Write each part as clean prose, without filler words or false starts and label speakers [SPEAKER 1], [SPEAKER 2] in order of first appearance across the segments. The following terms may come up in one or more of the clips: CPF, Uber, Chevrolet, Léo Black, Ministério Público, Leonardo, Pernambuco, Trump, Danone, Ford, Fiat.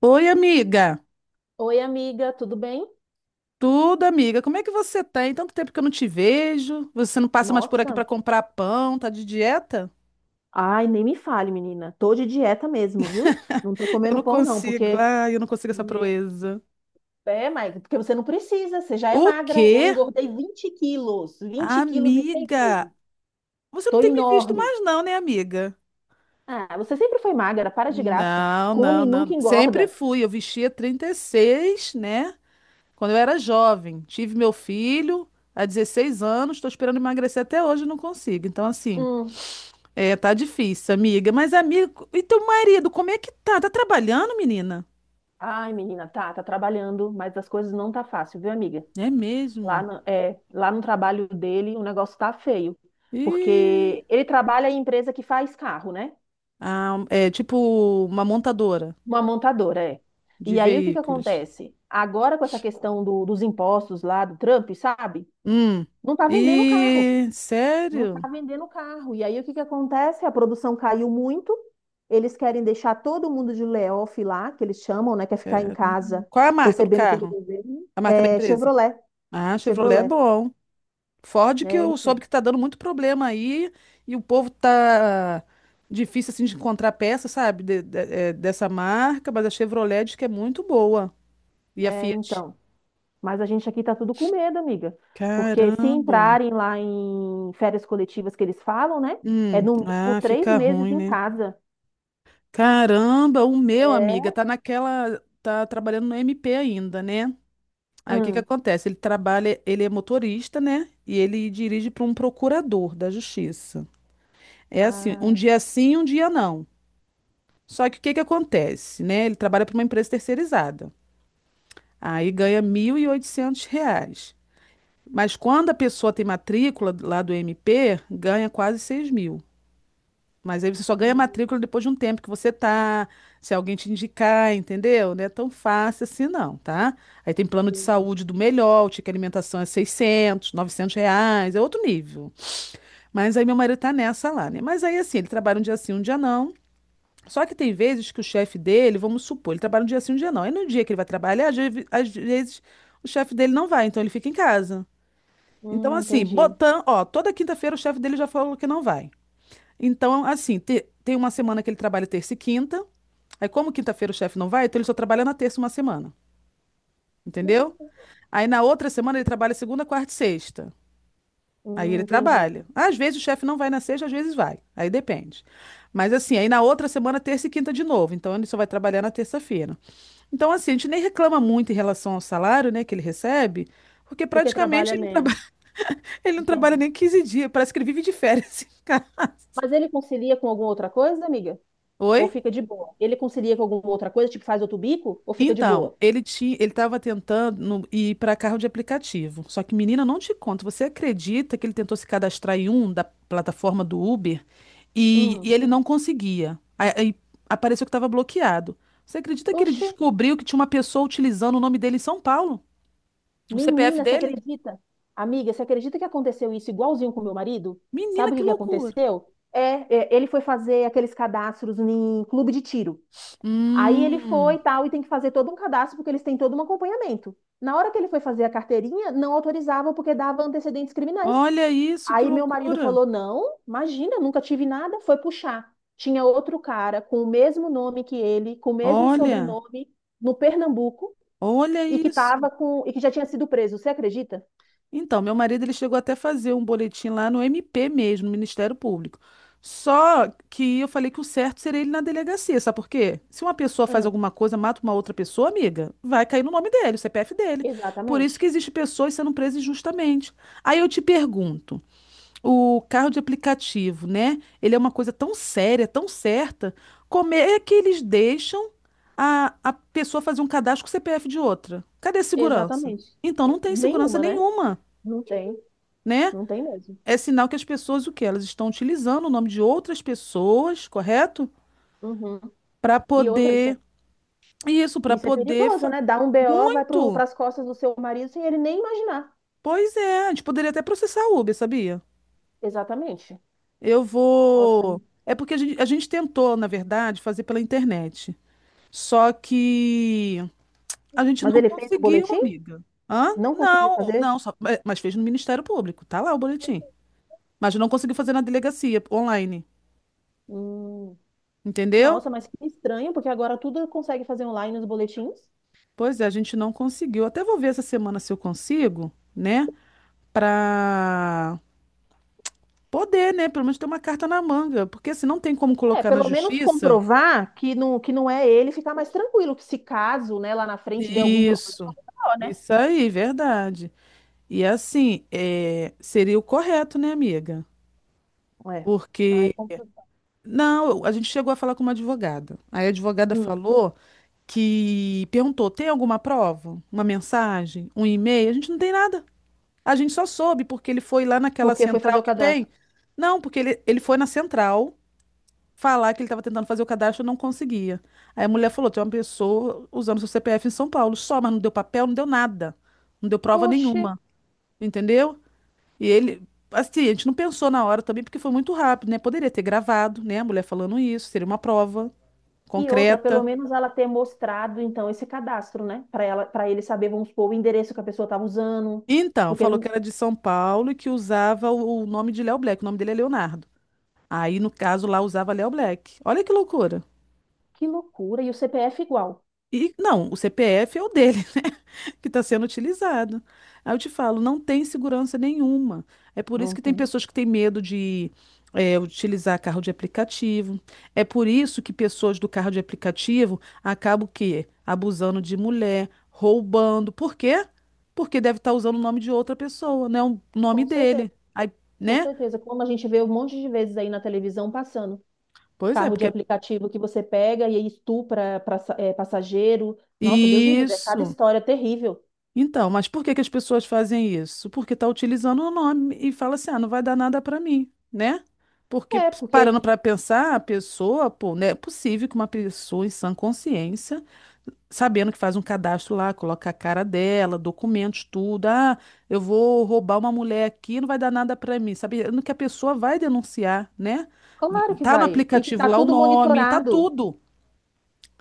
[SPEAKER 1] Oi, amiga.
[SPEAKER 2] Oi, amiga, tudo bem?
[SPEAKER 1] Tudo, amiga. Como é que você tá? Tem tanto tempo que eu não te vejo. Você não passa mais por aqui pra
[SPEAKER 2] Nossa,
[SPEAKER 1] comprar pão, tá de dieta?
[SPEAKER 2] ai, nem me fale, menina. Tô de dieta mesmo, viu? Não tô
[SPEAKER 1] Eu
[SPEAKER 2] comendo
[SPEAKER 1] não
[SPEAKER 2] pão, não,
[SPEAKER 1] consigo.
[SPEAKER 2] porque.
[SPEAKER 1] Ai, eu não consigo essa
[SPEAKER 2] Me-
[SPEAKER 1] proeza.
[SPEAKER 2] é, Maica, porque você não precisa, você já é
[SPEAKER 1] O
[SPEAKER 2] magra. Eu
[SPEAKER 1] quê?
[SPEAKER 2] engordei 20 quilos, 20 quilos em seis
[SPEAKER 1] Amiga,
[SPEAKER 2] meses.
[SPEAKER 1] você não
[SPEAKER 2] Tô
[SPEAKER 1] tem me visto
[SPEAKER 2] enorme.
[SPEAKER 1] mais não, né, amiga?
[SPEAKER 2] Ah, você sempre foi magra, para de graça.
[SPEAKER 1] Não,
[SPEAKER 2] Come
[SPEAKER 1] não,
[SPEAKER 2] e nunca
[SPEAKER 1] não. Sempre
[SPEAKER 2] engorda.
[SPEAKER 1] fui. Eu vestia 36, né? Quando eu era jovem. Tive meu filho há 16 anos, tô esperando emagrecer até hoje, e não consigo. Então, assim,
[SPEAKER 2] Hum.
[SPEAKER 1] é, tá difícil, amiga. Mas, amiga, e teu marido, como é que tá? Tá trabalhando, menina?
[SPEAKER 2] Ai, menina, tá, tá trabalhando, mas as coisas não tá fácil, viu, amiga?
[SPEAKER 1] É
[SPEAKER 2] Lá
[SPEAKER 1] mesmo?
[SPEAKER 2] no, é, lá no trabalho dele, o negócio tá feio,
[SPEAKER 1] Ih.
[SPEAKER 2] porque ele trabalha em empresa que faz carro, né?
[SPEAKER 1] Ah, é tipo uma montadora
[SPEAKER 2] Uma montadora, é.
[SPEAKER 1] de
[SPEAKER 2] E aí o que que
[SPEAKER 1] veículos.
[SPEAKER 2] acontece? Agora com essa questão do- dos impostos lá do Trump, sabe?
[SPEAKER 1] Hum.
[SPEAKER 2] Não tá vendendo carro.
[SPEAKER 1] E
[SPEAKER 2] Não tá
[SPEAKER 1] sério?
[SPEAKER 2] vendendo carro. E aí o que que acontece? A produção caiu muito. Eles querem deixar todo mundo de layoff lá, que eles chamam, né? Quer ficar em
[SPEAKER 1] Cara.
[SPEAKER 2] casa
[SPEAKER 1] Qual é a marca do
[SPEAKER 2] recebendo pelo
[SPEAKER 1] carro?
[SPEAKER 2] governo.
[SPEAKER 1] A marca da
[SPEAKER 2] É
[SPEAKER 1] empresa?
[SPEAKER 2] Chevrolet.
[SPEAKER 1] Ah, Chevrolet é
[SPEAKER 2] Chevrolet.
[SPEAKER 1] bom. Ford que
[SPEAKER 2] É,
[SPEAKER 1] eu soube
[SPEAKER 2] então.
[SPEAKER 1] que tá dando muito problema aí e o povo tá difícil assim de encontrar peça, sabe, dessa marca, mas a Chevrolet diz que é muito boa. E a
[SPEAKER 2] É,
[SPEAKER 1] Fiat?
[SPEAKER 2] então. Mas a gente aqui tá tudo com medo, amiga. Porque se
[SPEAKER 1] Caramba.
[SPEAKER 2] entrarem lá em férias coletivas que eles falam, né? É no mínimo
[SPEAKER 1] Ah,
[SPEAKER 2] três
[SPEAKER 1] fica
[SPEAKER 2] meses
[SPEAKER 1] ruim,
[SPEAKER 2] em
[SPEAKER 1] né?
[SPEAKER 2] casa.
[SPEAKER 1] Caramba, o meu, amiga,
[SPEAKER 2] É?
[SPEAKER 1] tá naquela, tá trabalhando no MP ainda, né? Aí o que que
[SPEAKER 2] Hum.
[SPEAKER 1] acontece? Ele trabalha, ele é motorista, né? E ele dirige para um procurador da justiça. É assim, um
[SPEAKER 2] Ah,
[SPEAKER 1] dia sim, um dia não. Só que o que que acontece, né? Ele trabalha para uma empresa terceirizada. Aí ganha R$ 1.800. Mas quando a pessoa tem matrícula lá do MP, ganha quase 6 mil. Mas aí você só ganha
[SPEAKER 2] hum,
[SPEAKER 1] matrícula depois de um tempo que você tá, se alguém te indicar, entendeu? Não é tão fácil assim não, tá? Aí tem plano de
[SPEAKER 2] entendi.
[SPEAKER 1] saúde do melhor, o ticket alimentação é 600 900 reais, é outro nível. Mas aí meu marido tá nessa lá, né? Mas aí assim, ele trabalha um dia sim, um dia não. Só que tem vezes que o chefe dele, vamos supor, ele trabalha um dia sim, um dia não. Aí no dia que ele vai trabalhar, às vezes o chefe dele não vai, então ele fica em casa. Então assim,
[SPEAKER 2] Entendi.
[SPEAKER 1] botando, ó, toda quinta-feira o chefe dele já falou que não vai. Então, assim, tem uma semana que ele trabalha terça e quinta. Aí, como quinta-feira o chefe não vai, então ele só trabalha na terça uma semana. Entendeu? Aí, na outra semana, ele trabalha segunda, quarta e sexta. Aí ele
[SPEAKER 2] Entendi.
[SPEAKER 1] trabalha. Às vezes o chefe não vai na sexta, às vezes vai. Aí depende. Mas assim, aí na outra semana, terça e quinta de novo. Então ele só vai trabalhar na terça-feira. Então, assim, a gente nem reclama muito em relação ao salário, né, que ele recebe, porque
[SPEAKER 2] Porque
[SPEAKER 1] praticamente
[SPEAKER 2] trabalha
[SPEAKER 1] ele não trabalha,
[SPEAKER 2] menos.
[SPEAKER 1] ele não trabalha
[SPEAKER 2] Entendi.
[SPEAKER 1] nem 15 dias. Parece que ele vive de férias.
[SPEAKER 2] Mas ele concilia com alguma outra coisa, amiga?
[SPEAKER 1] Oi?
[SPEAKER 2] Ou fica de boa? Ele concilia com alguma outra coisa, tipo faz outro bico? Ou fica de
[SPEAKER 1] Então,
[SPEAKER 2] boa?
[SPEAKER 1] ele tinha, ele estava tentando ir para carro de aplicativo. Só que, menina, não te conto. Você acredita que ele tentou se cadastrar em um da plataforma do Uber e,
[SPEAKER 2] Hum.
[SPEAKER 1] e ele não conseguia? Aí apareceu que estava bloqueado. Você acredita que ele
[SPEAKER 2] Oxi.
[SPEAKER 1] descobriu que tinha uma pessoa utilizando o nome dele em São Paulo? O CPF
[SPEAKER 2] Menina, você
[SPEAKER 1] dele?
[SPEAKER 2] acredita? Amiga, você acredita que aconteceu isso igualzinho com meu marido?
[SPEAKER 1] Menina,
[SPEAKER 2] Sabe o
[SPEAKER 1] que
[SPEAKER 2] que que
[SPEAKER 1] loucura!
[SPEAKER 2] aconteceu? Ele foi fazer aqueles cadastros em clube de tiro. Aí ele foi
[SPEAKER 1] Hum,
[SPEAKER 2] e tal, e tem que fazer todo um cadastro porque eles têm todo um acompanhamento. Na hora que ele foi fazer a carteirinha, não autorizavam porque dava antecedentes criminais.
[SPEAKER 1] olha isso, que
[SPEAKER 2] Aí meu marido
[SPEAKER 1] loucura!
[SPEAKER 2] falou: não, imagina, nunca tive nada. Foi puxar. Tinha outro cara com o mesmo nome que ele, com o mesmo
[SPEAKER 1] Olha,
[SPEAKER 2] sobrenome, no Pernambuco,
[SPEAKER 1] olha
[SPEAKER 2] e que
[SPEAKER 1] isso.
[SPEAKER 2] tava com, e que já tinha sido preso. Você acredita?
[SPEAKER 1] Então, meu marido ele chegou até a fazer um boletim lá no MP mesmo, no Ministério Público. Só que eu falei que o certo seria ele na delegacia, sabe por quê? Se uma pessoa faz
[SPEAKER 2] Hum,
[SPEAKER 1] alguma coisa, mata uma outra pessoa, amiga, vai cair no nome dele, o CPF dele. Por isso que
[SPEAKER 2] exatamente.
[SPEAKER 1] existe pessoas sendo presas injustamente. Aí eu te pergunto, o carro de aplicativo, né? Ele é uma coisa tão séria, tão certa, como é que eles deixam a pessoa fazer um cadastro com o CPF de outra? Cadê a segurança?
[SPEAKER 2] Exatamente.
[SPEAKER 1] Então não tem segurança
[SPEAKER 2] Nenhuma, né?
[SPEAKER 1] nenhuma,
[SPEAKER 2] Não tem.
[SPEAKER 1] né?
[SPEAKER 2] Não tem mesmo.
[SPEAKER 1] É sinal que as pessoas, o quê? Elas estão utilizando o nome de outras pessoas, correto?
[SPEAKER 2] Uhum.
[SPEAKER 1] Para
[SPEAKER 2] E outra,
[SPEAKER 1] poder. Isso, para
[SPEAKER 2] isso é
[SPEAKER 1] poder.
[SPEAKER 2] perigoso,
[SPEAKER 1] fa-
[SPEAKER 2] né? Dá um BO, vai
[SPEAKER 1] Muito!
[SPEAKER 2] para as costas do seu marido sem ele nem imaginar.
[SPEAKER 1] Pois é, a gente poderia até processar a Uber, sabia?
[SPEAKER 2] Exatamente.
[SPEAKER 1] Eu
[SPEAKER 2] Nossa.
[SPEAKER 1] vou. É porque a gente tentou, na verdade, fazer pela internet. Só que a gente
[SPEAKER 2] Mas
[SPEAKER 1] não
[SPEAKER 2] ele fez o
[SPEAKER 1] conseguiu,
[SPEAKER 2] boletim?
[SPEAKER 1] amiga. Hã?
[SPEAKER 2] Não conseguiu
[SPEAKER 1] Não,
[SPEAKER 2] fazer?
[SPEAKER 1] não, só... é, mas fez no Ministério Público. Tá lá o boletim. Mas não conseguiu fazer na delegacia online.
[SPEAKER 2] Hum.
[SPEAKER 1] Entendeu?
[SPEAKER 2] Nossa, mas que estranho, porque agora tudo consegue fazer online nos boletins.
[SPEAKER 1] Pois é, a gente não conseguiu. Até vou ver essa semana se eu consigo, né? Pra poder, né? Pelo menos ter uma carta na manga. Porque se não tem como
[SPEAKER 2] É,
[SPEAKER 1] colocar na
[SPEAKER 2] pelo menos
[SPEAKER 1] justiça.
[SPEAKER 2] comprovar que não é ele, ficar mais tranquilo, que se caso, né, lá na frente der algum problema, é
[SPEAKER 1] Isso.
[SPEAKER 2] o BO, né?
[SPEAKER 1] Isso aí, verdade. E assim, é, seria o correto, né, amiga?
[SPEAKER 2] É. Ai,
[SPEAKER 1] Porque.
[SPEAKER 2] compro-
[SPEAKER 1] Não, a gente chegou a falar com uma advogada. Aí a advogada
[SPEAKER 2] Hum.
[SPEAKER 1] falou que perguntou: tem alguma prova? Uma mensagem? Um e-mail? A gente não tem nada. A gente só soube porque ele foi lá naquela
[SPEAKER 2] Porque foi fazer
[SPEAKER 1] central
[SPEAKER 2] o
[SPEAKER 1] que tem.
[SPEAKER 2] cadastro.
[SPEAKER 1] Não, porque ele foi na central falar que ele estava tentando fazer o cadastro e não conseguia. Aí a mulher falou: tem uma pessoa usando seu CPF em São Paulo só, mas não deu papel, não deu nada. Não deu prova
[SPEAKER 2] Poxa,
[SPEAKER 1] nenhuma. Entendeu? E ele, assim, a gente não pensou na hora também, porque foi muito rápido, né? Poderia ter gravado, né? A mulher falando isso, seria uma prova
[SPEAKER 2] e outra, pelo
[SPEAKER 1] concreta.
[SPEAKER 2] menos ela ter mostrado então esse cadastro, né? Para ela, para ele saber, vamos supor, o endereço que a pessoa estava usando.
[SPEAKER 1] Então,
[SPEAKER 2] Porque
[SPEAKER 1] falou que
[SPEAKER 2] não-
[SPEAKER 1] era de São Paulo e que usava o nome de Léo Black. O nome dele é Leonardo. Aí, no caso, lá usava Léo Black. Olha que loucura.
[SPEAKER 2] que loucura, e o CPF igual.
[SPEAKER 1] E não, o CPF é o dele, né? Que está sendo utilizado. Aí eu te falo, não tem segurança nenhuma. É por isso
[SPEAKER 2] Não
[SPEAKER 1] que tem
[SPEAKER 2] tem.
[SPEAKER 1] pessoas que têm medo de utilizar carro de aplicativo. É por isso que pessoas do carro de aplicativo acabam o quê? Abusando de mulher, roubando. Por quê? Porque deve estar usando o nome de outra pessoa, né? O nome
[SPEAKER 2] Com certeza,
[SPEAKER 1] dele. Aí,
[SPEAKER 2] com
[SPEAKER 1] né?
[SPEAKER 2] certeza. Como a gente vê um monte de vezes aí na televisão passando.
[SPEAKER 1] Pois é,
[SPEAKER 2] Carro de
[SPEAKER 1] porque. É
[SPEAKER 2] aplicativo que você pega e aí estupra pra, é, passageiro. Nossa, Deus me livre, é cada
[SPEAKER 1] Isso.
[SPEAKER 2] história terrível.
[SPEAKER 1] Então, mas por que que as pessoas fazem isso? Porque tá utilizando o nome e fala assim, ah, não vai dar nada para mim, né? Porque
[SPEAKER 2] É, porque
[SPEAKER 1] parando para pensar, a pessoa, pô, né? É possível que uma pessoa em sã consciência, sabendo que faz um cadastro lá, coloca a cara dela, documentos, tudo, ah, eu vou roubar uma mulher aqui, não vai dar nada para mim, sabendo que a pessoa vai denunciar, né?
[SPEAKER 2] claro que
[SPEAKER 1] Tá no
[SPEAKER 2] vai. E que
[SPEAKER 1] aplicativo
[SPEAKER 2] tá
[SPEAKER 1] lá o
[SPEAKER 2] tudo
[SPEAKER 1] nome, tá
[SPEAKER 2] monitorado.
[SPEAKER 1] tudo.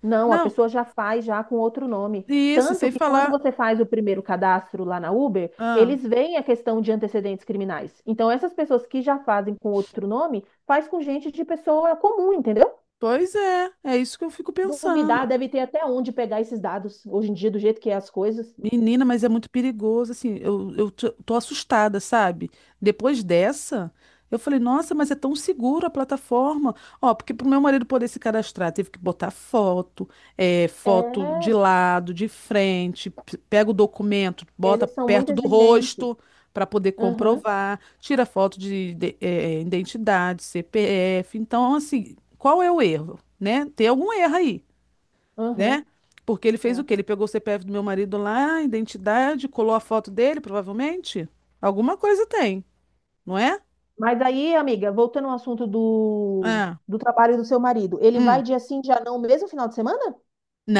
[SPEAKER 2] Não, a
[SPEAKER 1] Não,
[SPEAKER 2] pessoa já faz já com outro nome.
[SPEAKER 1] isso, e
[SPEAKER 2] Tanto
[SPEAKER 1] sem
[SPEAKER 2] que quando
[SPEAKER 1] falar,
[SPEAKER 2] você faz o primeiro cadastro lá na Uber,
[SPEAKER 1] ah,
[SPEAKER 2] eles veem a questão de antecedentes criminais. Então, essas pessoas que já fazem com outro nome, faz com gente de pessoa comum, entendeu?
[SPEAKER 1] pois é, é isso que eu fico
[SPEAKER 2] Se
[SPEAKER 1] pensando.
[SPEAKER 2] duvidar, deve ter até onde pegar esses dados hoje em dia, do jeito que é as coisas.
[SPEAKER 1] Menina, mas é muito perigoso, assim, eu tô assustada, sabe? Depois dessa, eu falei, nossa, mas é tão seguro a plataforma. Ó, porque pro meu marido poder se cadastrar, teve que botar foto, é, foto
[SPEAKER 2] É,
[SPEAKER 1] de lado, de frente, pega o documento, bota
[SPEAKER 2] eles são muito
[SPEAKER 1] perto do
[SPEAKER 2] exigentes.
[SPEAKER 1] rosto para poder
[SPEAKER 2] Uhum,
[SPEAKER 1] comprovar, tira foto de, identidade, CPF. Então, assim, qual é o erro, né? Tem algum erro aí né?
[SPEAKER 2] uhum,
[SPEAKER 1] Porque ele fez o
[SPEAKER 2] é.
[SPEAKER 1] quê? Ele pegou o CPF do meu marido lá, a identidade, colou a foto dele, provavelmente. Alguma coisa tem, não é?
[SPEAKER 2] Mas aí, amiga, voltando ao assunto do,
[SPEAKER 1] Ah,
[SPEAKER 2] do trabalho do seu marido, ele
[SPEAKER 1] hum.
[SPEAKER 2] vai dia sim, dia não, mesmo final de semana?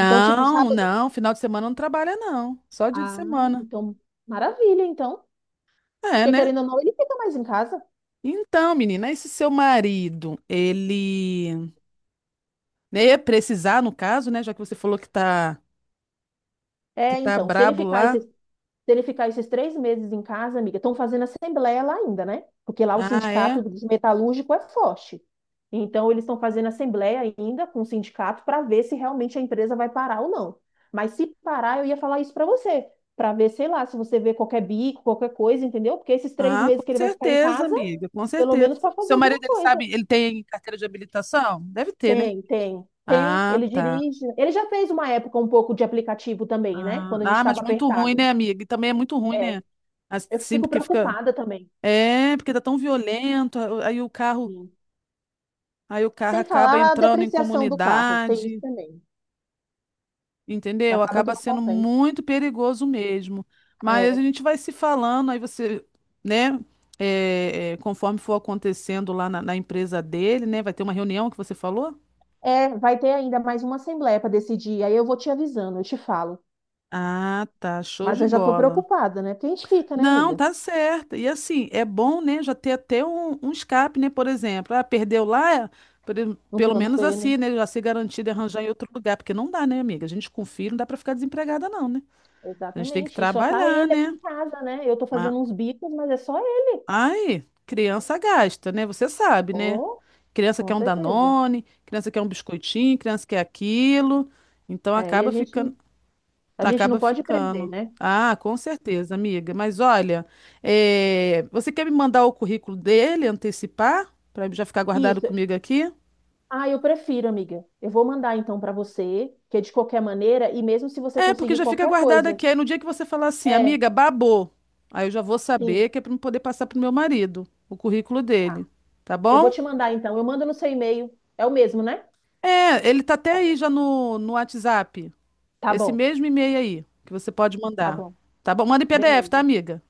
[SPEAKER 2] Então, tipo, sábado.
[SPEAKER 1] não, final de semana não trabalha, não. Só dia de
[SPEAKER 2] Ah,
[SPEAKER 1] semana.
[SPEAKER 2] então, maravilha, então.
[SPEAKER 1] É,
[SPEAKER 2] Porque
[SPEAKER 1] né?
[SPEAKER 2] querendo ou não, ele fica mais em casa.
[SPEAKER 1] Então, menina, esse seu marido, ele né, ia precisar, no caso, né? Já que você falou que
[SPEAKER 2] É,
[SPEAKER 1] tá
[SPEAKER 2] então, se ele
[SPEAKER 1] brabo
[SPEAKER 2] ficar
[SPEAKER 1] lá.
[SPEAKER 2] esses, se ele ficar esses 3 meses em casa, amiga, estão fazendo assembleia lá ainda, né? Porque lá o
[SPEAKER 1] Ah, é?
[SPEAKER 2] sindicato dos metalúrgicos é forte. Então, eles estão fazendo assembleia ainda com o sindicato para ver se realmente a empresa vai parar ou não. Mas se parar, eu ia falar isso para você, para ver, sei lá, se você vê qualquer bico, qualquer coisa, entendeu? Porque esses três
[SPEAKER 1] Ah, com
[SPEAKER 2] meses que ele vai ficar em
[SPEAKER 1] certeza,
[SPEAKER 2] casa,
[SPEAKER 1] amiga, com
[SPEAKER 2] pelo
[SPEAKER 1] certeza.
[SPEAKER 2] menos para fazer
[SPEAKER 1] Seu
[SPEAKER 2] alguma
[SPEAKER 1] marido, ele
[SPEAKER 2] coisa.
[SPEAKER 1] sabe, ele tem carteira de habilitação? Deve ter, né?
[SPEAKER 2] Tem, tem, tem.
[SPEAKER 1] Ah,
[SPEAKER 2] Ele
[SPEAKER 1] tá.
[SPEAKER 2] dirige. Ele já fez uma época um pouco de aplicativo também, né?
[SPEAKER 1] Ah,
[SPEAKER 2] Quando a gente
[SPEAKER 1] ah, mas
[SPEAKER 2] estava
[SPEAKER 1] muito ruim,
[SPEAKER 2] apertado.
[SPEAKER 1] né, amiga? E também é muito ruim,
[SPEAKER 2] É,
[SPEAKER 1] né?
[SPEAKER 2] eu
[SPEAKER 1] Assim,
[SPEAKER 2] fico
[SPEAKER 1] porque fica.
[SPEAKER 2] preocupada também.
[SPEAKER 1] É, porque tá tão violento.
[SPEAKER 2] Sim.
[SPEAKER 1] Aí o carro
[SPEAKER 2] Sem
[SPEAKER 1] acaba
[SPEAKER 2] falar a
[SPEAKER 1] entrando em
[SPEAKER 2] depreciação do carro, tem isso
[SPEAKER 1] comunidade,
[SPEAKER 2] também.
[SPEAKER 1] entendeu?
[SPEAKER 2] Acaba que
[SPEAKER 1] Acaba
[SPEAKER 2] não
[SPEAKER 1] sendo
[SPEAKER 2] compensa.
[SPEAKER 1] muito perigoso mesmo. Mas
[SPEAKER 2] É,
[SPEAKER 1] a gente vai se falando, aí você, né? Conforme for acontecendo lá na na empresa dele, né? Vai ter uma reunião que você falou?
[SPEAKER 2] vai ter ainda mais uma assembleia para decidir. Aí eu vou te avisando, eu te falo.
[SPEAKER 1] Ah, tá. Show
[SPEAKER 2] Mas
[SPEAKER 1] de
[SPEAKER 2] eu já estou
[SPEAKER 1] bola.
[SPEAKER 2] preocupada, né? Porque a gente fica, né,
[SPEAKER 1] Não,
[SPEAKER 2] amiga?
[SPEAKER 1] tá certo. E assim, é bom, né, já ter até um, um escape, né, por exemplo. Ah, perdeu lá,
[SPEAKER 2] No
[SPEAKER 1] pelo
[SPEAKER 2] plano
[SPEAKER 1] menos
[SPEAKER 2] B,
[SPEAKER 1] assim,
[SPEAKER 2] né?
[SPEAKER 1] né, já ser garantido e arranjar em outro lugar, porque não dá, né, amiga? A gente com filho não dá pra ficar desempregada não, né? A gente tem que
[SPEAKER 2] Exatamente. E só tá
[SPEAKER 1] trabalhar,
[SPEAKER 2] ele aqui
[SPEAKER 1] né?
[SPEAKER 2] em casa, né? Eu tô
[SPEAKER 1] Ah,
[SPEAKER 2] fazendo uns bicos, mas é só ele.
[SPEAKER 1] ai, criança gasta, né? Você sabe, né?
[SPEAKER 2] Oh,
[SPEAKER 1] Criança
[SPEAKER 2] com
[SPEAKER 1] quer um
[SPEAKER 2] certeza.
[SPEAKER 1] Danone, criança quer um biscoitinho, criança quer aquilo. Então
[SPEAKER 2] É, e a
[SPEAKER 1] acaba
[SPEAKER 2] gente
[SPEAKER 1] ficando.
[SPEAKER 2] a gente não
[SPEAKER 1] Acaba
[SPEAKER 2] pode prender,
[SPEAKER 1] ficando.
[SPEAKER 2] né?
[SPEAKER 1] Ah, com certeza, amiga. Mas olha, é, você quer me mandar o currículo dele, antecipar, para já ficar guardado
[SPEAKER 2] Isso.
[SPEAKER 1] comigo aqui?
[SPEAKER 2] Ah, eu prefiro, amiga. Eu vou mandar então para você, que é de qualquer maneira, e mesmo se você
[SPEAKER 1] É, porque
[SPEAKER 2] conseguir
[SPEAKER 1] já fica
[SPEAKER 2] qualquer
[SPEAKER 1] guardado
[SPEAKER 2] coisa.
[SPEAKER 1] aqui. Aí no dia que você falar assim,
[SPEAKER 2] É,
[SPEAKER 1] amiga, babou, aí eu já vou saber
[SPEAKER 2] sim,
[SPEAKER 1] que é para poder passar pro meu marido o currículo
[SPEAKER 2] tá.
[SPEAKER 1] dele, tá
[SPEAKER 2] Eu vou
[SPEAKER 1] bom?
[SPEAKER 2] te mandar então. Eu mando no seu e-mail. É o mesmo, né?
[SPEAKER 1] É, ele tá até aí já no, no WhatsApp,
[SPEAKER 2] Tá
[SPEAKER 1] esse
[SPEAKER 2] bom,
[SPEAKER 1] mesmo e-mail aí que você pode
[SPEAKER 2] tá
[SPEAKER 1] mandar,
[SPEAKER 2] bom.
[SPEAKER 1] tá bom? Manda em PDF, tá,
[SPEAKER 2] Beleza.
[SPEAKER 1] amiga?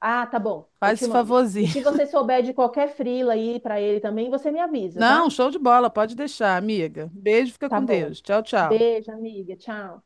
[SPEAKER 2] Ah, tá bom. Eu
[SPEAKER 1] Faz
[SPEAKER 2] te
[SPEAKER 1] esse
[SPEAKER 2] mando. E
[SPEAKER 1] favorzinho.
[SPEAKER 2] se você souber de qualquer frila aí para ele também, você me avisa,
[SPEAKER 1] Não,
[SPEAKER 2] tá?
[SPEAKER 1] show de bola, pode deixar, amiga. Beijo, fica
[SPEAKER 2] Tá
[SPEAKER 1] com
[SPEAKER 2] bom.
[SPEAKER 1] Deus. Tchau, tchau.
[SPEAKER 2] Beijo, amiga. Tchau.